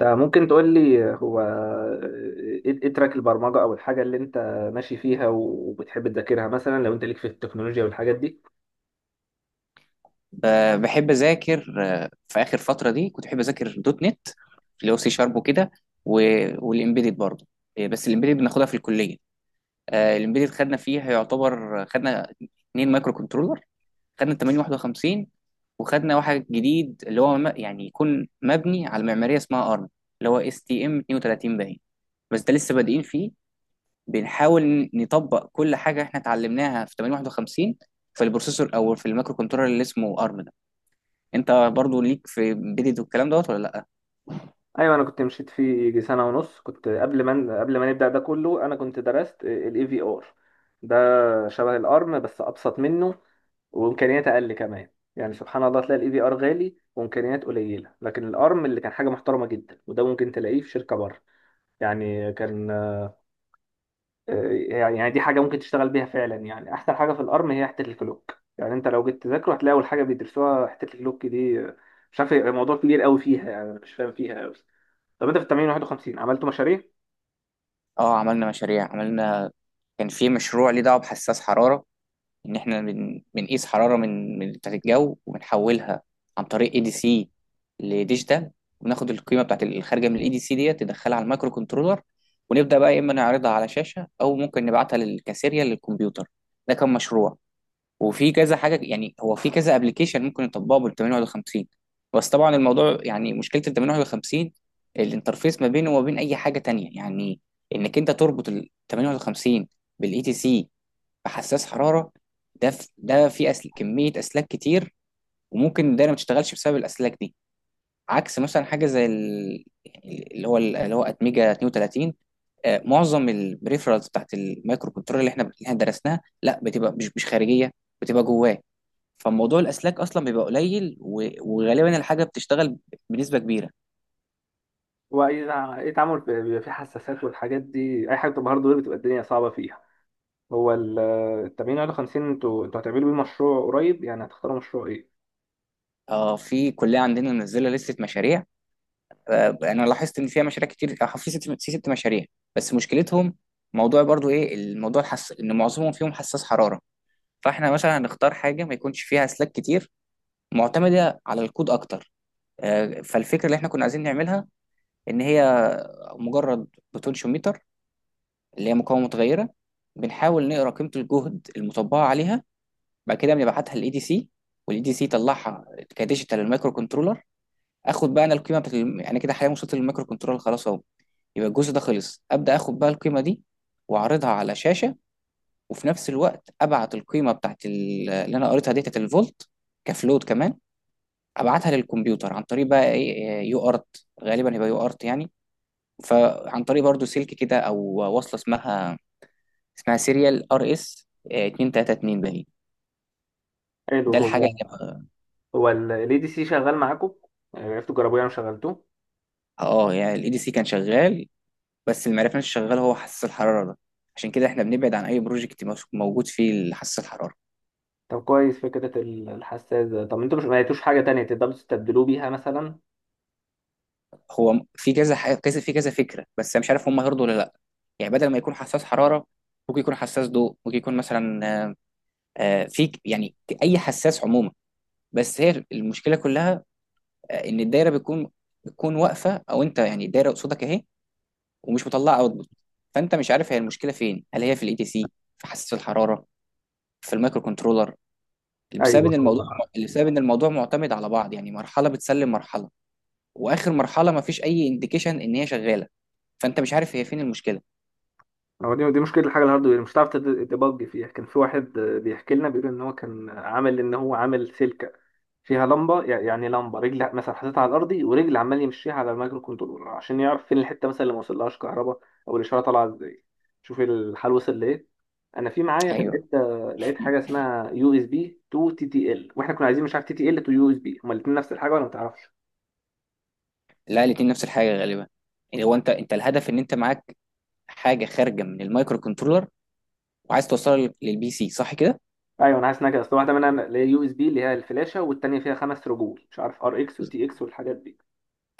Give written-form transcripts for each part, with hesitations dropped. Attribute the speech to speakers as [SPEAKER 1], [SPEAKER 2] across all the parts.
[SPEAKER 1] انت ممكن تقول لي هو إيه تراك البرمجه او الحاجه اللي انت ماشي فيها وبتحب تذاكرها مثلا لو انت ليك في التكنولوجيا والحاجات دي.
[SPEAKER 2] بحب اذاكر في اخر فتره دي كنت بحب اذاكر دوت نت، اللي هو سي شارب وكده. والامبيدد برضه. بس الامبيدد بناخدها في الكليه. الامبيدد خدنا فيها، يعتبر خدنا اتنين مايكرو كنترولر. خدنا 851، وخدنا واحد جديد اللي هو يعني يكون مبني على معماريه اسمها ارم، اللي هو اس تي ام 32 باين. بس ده لسه بادئين فيه، بنحاول نطبق كل حاجه احنا اتعلمناها في 851 في البروسيسور او في المايكرو كنترولر اللي اسمه ارم. انت برضو ليك في بيدد والكلام دوت ولا لا؟
[SPEAKER 1] ايوه، انا كنت مشيت فيه يجي سنه ونص، كنت قبل ما نبدا ده كله انا كنت درست الاي في ار ده، شبه الارم بس ابسط منه وامكانيات اقل كمان. يعني سبحان الله تلاقي الاي في ار غالي وامكانيات قليله، لكن الارم اللي كان حاجه محترمه جدا وده ممكن تلاقيه في شركه بره. يعني كان يعني دي حاجة ممكن تشتغل بيها فعلا. يعني أحسن حاجة في الأرم هي حتة الكلوك، يعني أنت لو جيت تذاكره هتلاقي أول حاجة بيدرسوها حتة الكلوك دي. مش عارف، هي موضوع كبير قوي فيها، يعني أنا مش فاهم فيها قوي. طب أنت في التمرين 51 عملتوا مشاريع؟
[SPEAKER 2] اه، عملنا مشاريع، عملنا. كان في مشروع ليه دعوه بحساس حراره، ان احنا بنقيس حراره من بتاعه الجو وبنحولها عن طريق اي دي سي لديجيتال، وبناخد القيمه بتاعه الخارجه من الاي دي سي ديت ندخلها على المايكرو كنترولر، ونبدا بقى يا اما نعرضها على شاشه او ممكن نبعتها للكاسيريا للكمبيوتر. ده كان مشروع. وفي كذا حاجه، يعني هو في كذا ابلكيشن ممكن يطبقه بال 80 ولا 50. بس طبعا الموضوع، يعني مشكله ال 80 ولا 50 الانترفيس ما بينه وما بين اي حاجه تانية، يعني انك انت تربط ال 80 ولا 50 بالاي تي سي بحساس حراره، ده في كميه اسلاك كتير، وممكن الدايره ما تشتغلش بسبب الاسلاك دي. عكس مثلا حاجه زي يعني اللي هو اتميجا 32. معظم البريفرالز بتاعت المايكرو كنترول اللي احنا درسناها لا، بتبقى مش خارجيه، بتبقى جواه. فموضوع الاسلاك اصلا بيبقى قليل، وغالبا الحاجه بتشتغل بنسبه كبيره.
[SPEAKER 1] وإذا بيبقى فيه حساسات والحاجات دي، أي حاجة بتبقى هاردوير بتبقى الدنيا صعبة فيها. هو ال- آه، التمرين 51 أنتوا هتعملوا بيه مشروع قريب، يعني هتختاروا مشروع إيه؟
[SPEAKER 2] اه، في كليه عندنا منزله لسته مشاريع. انا لاحظت ان فيها مشاريع كتير. في ست مشاريع، بس مشكلتهم، موضوع برضو، ايه الموضوع ان معظمهم فيهم حساس حراره. فاحنا مثلا هنختار حاجه ما يكونش فيها اسلاك كتير، معتمده على الكود اكتر. فالفكره اللي احنا كنا عايزين نعملها، ان هي مجرد بوتنشيوميتر، اللي هي مقاومه متغيره. بنحاول نقرا قيمه الجهد المطبقه عليها، بعد كده بنبعتها للاي دي سي، والاي دي سي يطلعها كديجيتال للمايكرو كنترولر. اخد بقى انا القيمه بتاعت يعني كده حاليا وصلت للمايكرو كنترولر خلاص اهو. يبقى الجزء ده خلص، ابدا اخد بقى القيمه دي واعرضها على شاشه، وفي نفس الوقت ابعت القيمه بتاعت اللي انا قريتها دي بتاعت الفولت كفلوت كمان. ابعتها للكمبيوتر عن طريق بقى ايه إيه، يو ارت، غالبا هيبقى يو ارت يعني. فعن طريق برضو سلك كده او وصله اسمها، سيريال ار اس 232 باين.
[SPEAKER 1] حلو.
[SPEAKER 2] ده الحاجه.
[SPEAKER 1] ال ADC شغال معاكم؟ آه، عرفتوا تجربوه يعني وشغلتوه؟
[SPEAKER 2] اه، يعني الاي دي سي كان شغال، بس اللي معرفناش شغال هو حساس الحراره ده. عشان كده احنا بنبعد عن اي بروجكت موجود فيه حساس الحراره.
[SPEAKER 1] طب كويس. فكرة الحساس ده، طب انتوا مش ما لقيتوش حاجة تانية تقدروا تستبدلوه بيها مثلا؟
[SPEAKER 2] هو في كذا فكره، بس أنا مش عارف هم هيرضوا ولا لا. يعني بدل ما يكون حساس حراره، ممكن يكون حساس ضوء، ممكن يكون مثلا آه، في اي حساس عموما. بس هي المشكله كلها، ان الدايره بتكون واقفه، او انت يعني الدايره قصادك اهي ومش مطلعه اوتبوت، فانت مش عارف هي المشكله فين. هل هي في الاي تي سي؟ في حساس الحراره؟ في المايكرو كنترولر؟ بسبب
[SPEAKER 1] ايوه.
[SPEAKER 2] ان
[SPEAKER 1] هو
[SPEAKER 2] الموضوع بسبب ان الموضوع معتمد على بعض، يعني مرحله بتسلم مرحله، واخر مرحله ما فيش اي انديكيشن ان هي شغاله، فانت مش عارف هي فين المشكله.
[SPEAKER 1] هو دي مشكله الحاجه الهاردوير، مش هتعرف تبج فيها. كان في واحد بيحكي لنا، بيقول ان هو كان عامل ان هو عامل سلكه فيها لمبه، يعني لمبه رجل مثلا حاططها على الارضي ورجل عمال يمشيها على المايكرو كنترولر عشان يعرف فين الحته مثلا اللي ما وصلهاش كهرباء او الاشاره طالعه ازاي. شوف الحال وصل لايه. انا في معايا
[SPEAKER 2] ايوه،
[SPEAKER 1] لقيت، لقيت حاجه اسمها يو اس بي تو تي تي ال، واحنا كنا عايزين مش عارف تي تي ال تو يو اس بي، هما الاثنين نفس الحاجه ولا ما تعرفش؟
[SPEAKER 2] لا، الاتنين نفس الحاجه غالبا. يعني هو انت الهدف ان انت معاك حاجه خارجه من المايكرو كنترولر وعايز توصلها للبي سي، صح كده؟
[SPEAKER 1] ايوه انا حاسس انها كده، اصل واحده منها اللي هي يو اس بي اللي هي الفلاشه والتانيه فيها خمس رجول، مش عارف ار اكس وتي اكس والحاجات دي.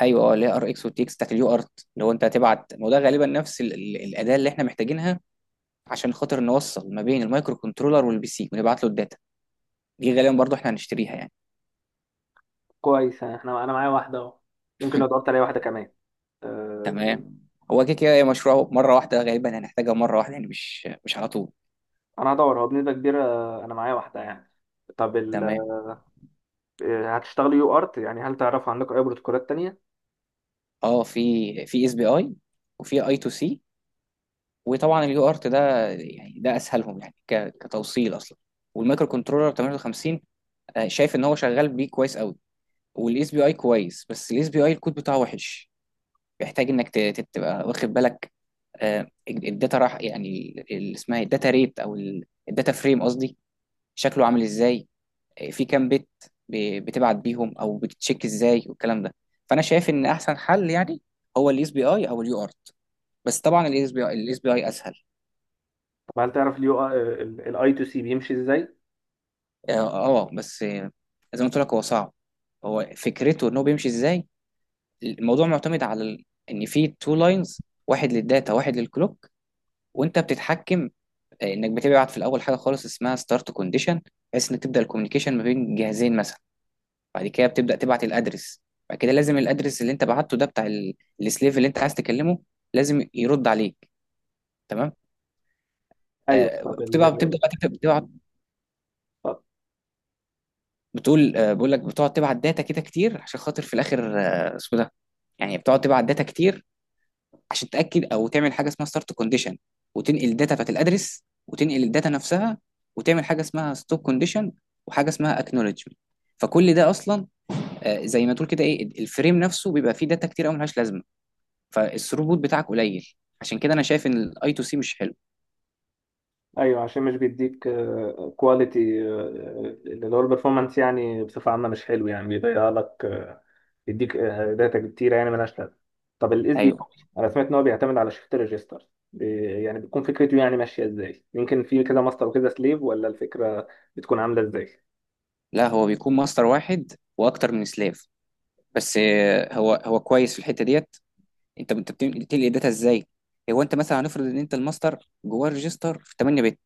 [SPEAKER 2] ايوه، اه، اللي هي ار اكس والتي اكس بتاعت اليو ارت، اللي هو انت هتبعت. ما هو ده غالبا نفس الاداه اللي احنا محتاجينها عشان خاطر نوصل ما بين المايكرو كنترولر والبي سي ونبعت له الداتا. دي غالبا برضو احنا هنشتريها يعني.
[SPEAKER 1] كويس، احنا انا معايا واحده اهو. ممكن لو دورت عليا واحده كمان. أه.
[SPEAKER 2] تمام. هو كده كده هي مشروع مره واحده، غالبا هنحتاجها مره واحده يعني، مش على طول.
[SPEAKER 1] انا هدور، هو بنسبه كبيره انا معايا واحده يعني. طب ال...
[SPEAKER 2] تمام.
[SPEAKER 1] هتشتغلوا يو ارت يعني، هل تعرفوا عندكم اي بروتوكولات تانيه؟
[SPEAKER 2] اه، في اس بي اي، وفي اي تو سي. وطبعا اليو ارت ده، يعني ده اسهلهم يعني، كتوصيل اصلا. والمايكرو كنترولر 58، شايف ان هو شغال بيه كويس قوي. والاس بي اي كويس، بس الاس بي اي الكود بتاعه وحش، بيحتاج انك تبقى واخد بالك. الداتا راح، يعني اللي اسمها الداتا ريت او الداتا فريم قصدي، شكله عامل ازاي، في كام بيت بتبعت بيهم، او بتتشيك ازاي والكلام ده. فانا شايف ان احسن حل يعني هو الاس بي اي او اليو ارت. بس طبعا الاس بي اي اسهل.
[SPEAKER 1] طب هل تعرف اليو الاي تو سي بيمشي ازاي؟
[SPEAKER 2] اه. بس زي ما قلت لك هو صعب. هو فكرته ان هو بيمشي ازاي، الموضوع معتمد على ان في تو لاينز، واحد للداتا واحد للكلوك، وانت بتتحكم. انك بتبعت في الاول حاجه خالص اسمها ستارت كونديشن، بحيث انك تبدا الكوميونيكيشن ما بين جهازين مثلا. بعد كده بتبدأ تبعت الأدرس. بعد كده لازم الأدرس اللي أنت بعته ده بتاع السليف اللي أنت عايز تكلمه لازم يرد عليك. تمام.
[SPEAKER 1] ايوه طب ال...
[SPEAKER 2] بتبدأ بقى تكتب، بتبعت، بتقول آه بقول لك بتقعد تبعت داتا كده كتير، عشان خاطر في الآخر اسمه ده، يعني بتقعد تبعت داتا كتير عشان تأكد، أو تعمل حاجة اسمها ستارت كونديشن، وتنقل الداتا بتاعت الأدرس، وتنقل الداتا نفسها، وتعمل حاجة اسمها ستوب كونديشن، وحاجة اسمها اكنولجمنت. فكل ده أصلا، زي ما تقول كده، الفريم نفسه بيبقى فيه داتا كتير أوي ملهاش لازمة، فالثروت بتاعك قليل. عشان كده انا شايف ان الاي تو سي مش حلو.
[SPEAKER 1] ايوه، عشان مش بيديك كواليتي، اللي هو البرفورمانس، يعني بصفه عامه مش حلو يعني، بيضيع لك، بيديك داتا كتيره يعني ملهاش لازمه. طب الاس بي اي،
[SPEAKER 2] ايوه.
[SPEAKER 1] انا سمعت ان هو بيعتمد على شيفت ريجستر، يعني بتكون فكرته يعني ماشيه ازاي، يمكن في كده ماستر وكده سليف، ولا الفكره بتكون عامله ازاي؟
[SPEAKER 2] لا، هو بيكون ماستر واحد واكتر من سلاف. بس هو كويس في الحته ديت. انت بتنقل داتا ازاي؟ هو انت مثلا هنفرض ان انت الماستر جواه ريجستر في 8 بت،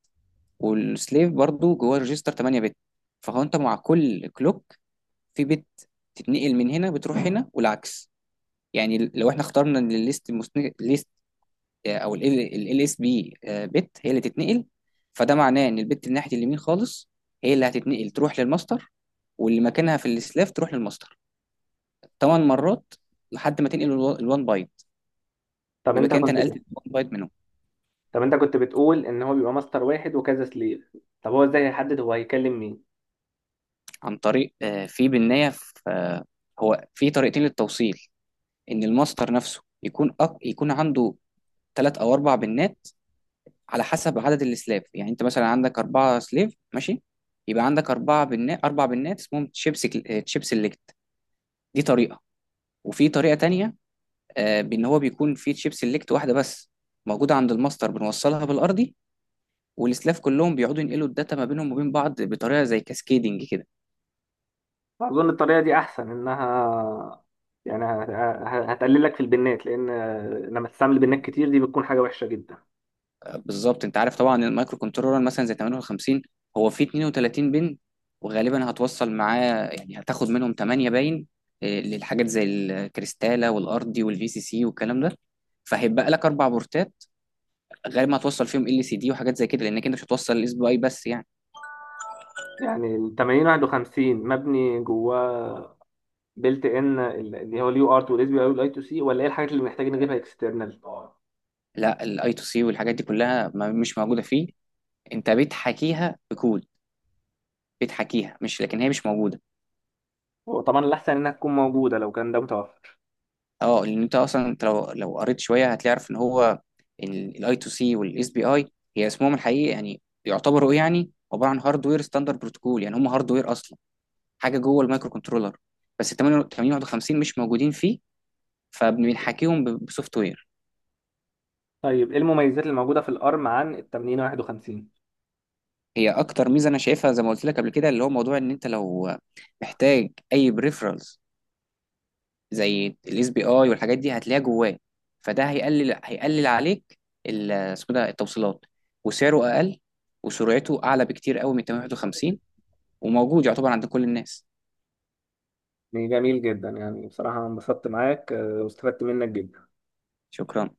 [SPEAKER 2] والسليف برضو جواه ريجستر 8 بت. فهو انت مع كل كلوك في بت تتنقل، من هنا بتروح هنا والعكس. يعني لو احنا اخترنا الليست او ال اس بي بت هي اللي تتنقل، فده معناه ان البت اللي ناحيه اليمين خالص هي اللي هتتنقل تروح للماستر، واللي مكانها في السلاف تروح للماستر 8 مرات، لحد ما تنقل ال1 بايت.
[SPEAKER 1] طب
[SPEAKER 2] يبقى
[SPEAKER 1] انت
[SPEAKER 2] كده انت
[SPEAKER 1] كنت
[SPEAKER 2] نقلت ال1 بايت منهم.
[SPEAKER 1] طب انت كنت بتقول ان هو بيبقى ماستر واحد وكذا سليف، طب هو ازاي هيحدد هو هيكلم مين؟
[SPEAKER 2] عن طريق في بالنهايه في آه، هو في طريقتين للتوصيل. ان الماستر نفسه يكون عنده ثلاث او اربع بنات، على حسب عدد السلاف، يعني انت مثلا عندك اربعه سليف ماشي، يبقى عندك اربع بنات، اسمهم تشيبس، تشيب سيلكت. دي طريقة. وفي طريقة تانية بإن هو بيكون في تشيب سيلكت واحدة بس، موجودة عند الماستر، بنوصلها بالأرضي، والسلاف كلهم بيقعدوا ينقلوا الداتا ما بينهم وبين بعض بطريقة زي كاسكيدنج كده.
[SPEAKER 1] أظن الطريقة دي أحسن، إنها يعني هتقلل لك في البنات، لأن لما تستعمل بنات كتير دي بتكون حاجة وحشة جدا.
[SPEAKER 2] بالظبط. أنت عارف طبعا المايكرو كنترولر مثلا زي 58، هو فيه 32 بن، وغالبا هتوصل معاه يعني هتاخد منهم 8 باين للحاجات زي الكريستالة والأرضي والفي سي سي والكلام ده. فهيبقى لك أربع بورتات، غالبا هتوصل فيهم ال سي دي وحاجات زي كده، لأنك أنت مش هتوصل الاس بي اي بس يعني.
[SPEAKER 1] يعني ال 8051 مبني جواه بيلت إن اللي هو اليو ارت والاس بي اي والاي تو سي، ولا إيه الحاجات اللي محتاجين نجيبها اكسترنال؟
[SPEAKER 2] لا، الاي تو سي والحاجات دي كلها ما مش موجوده فيه، انت بتحكيها بكود، بتحكيها، مش لكن هي مش موجوده.
[SPEAKER 1] وطبعا الأحسن إنها تكون موجودة لو كان ده متوفر.
[SPEAKER 2] اه، لان انت اصلا انت لو قريت شويه هتعرف ان هو الاي تو سي والاس بي اي هي اسمهم الحقيقي، يعني يعتبروا، يعني عباره عن هاردوير ستاندرد بروتوكول، يعني هم هاردوير اصلا، حاجه جوه المايكرو كنترولر. بس 80 51 مش موجودين فيه، فبنحكيهم بسوفت وير.
[SPEAKER 1] طيب إيه المميزات اللي موجودة في الأرم عن ال 8051؟
[SPEAKER 2] هي اكتر ميزه انا شايفها، زي ما قلت لك قبل كده، اللي هو موضوع ان انت لو محتاج اي بريفرالز زي الاس بي اي والحاجات دي هتلاقيها جواه، فده هيقلل عليك اسمه ده، التوصيلات. وسعره اقل، وسرعته اعلى بكتير قوي من 851، وموجود يعتبر عند كل الناس.
[SPEAKER 1] جميل جدا، يعني بصراحة انبسطت معاك واستفدت منك جدا.
[SPEAKER 2] شكرا.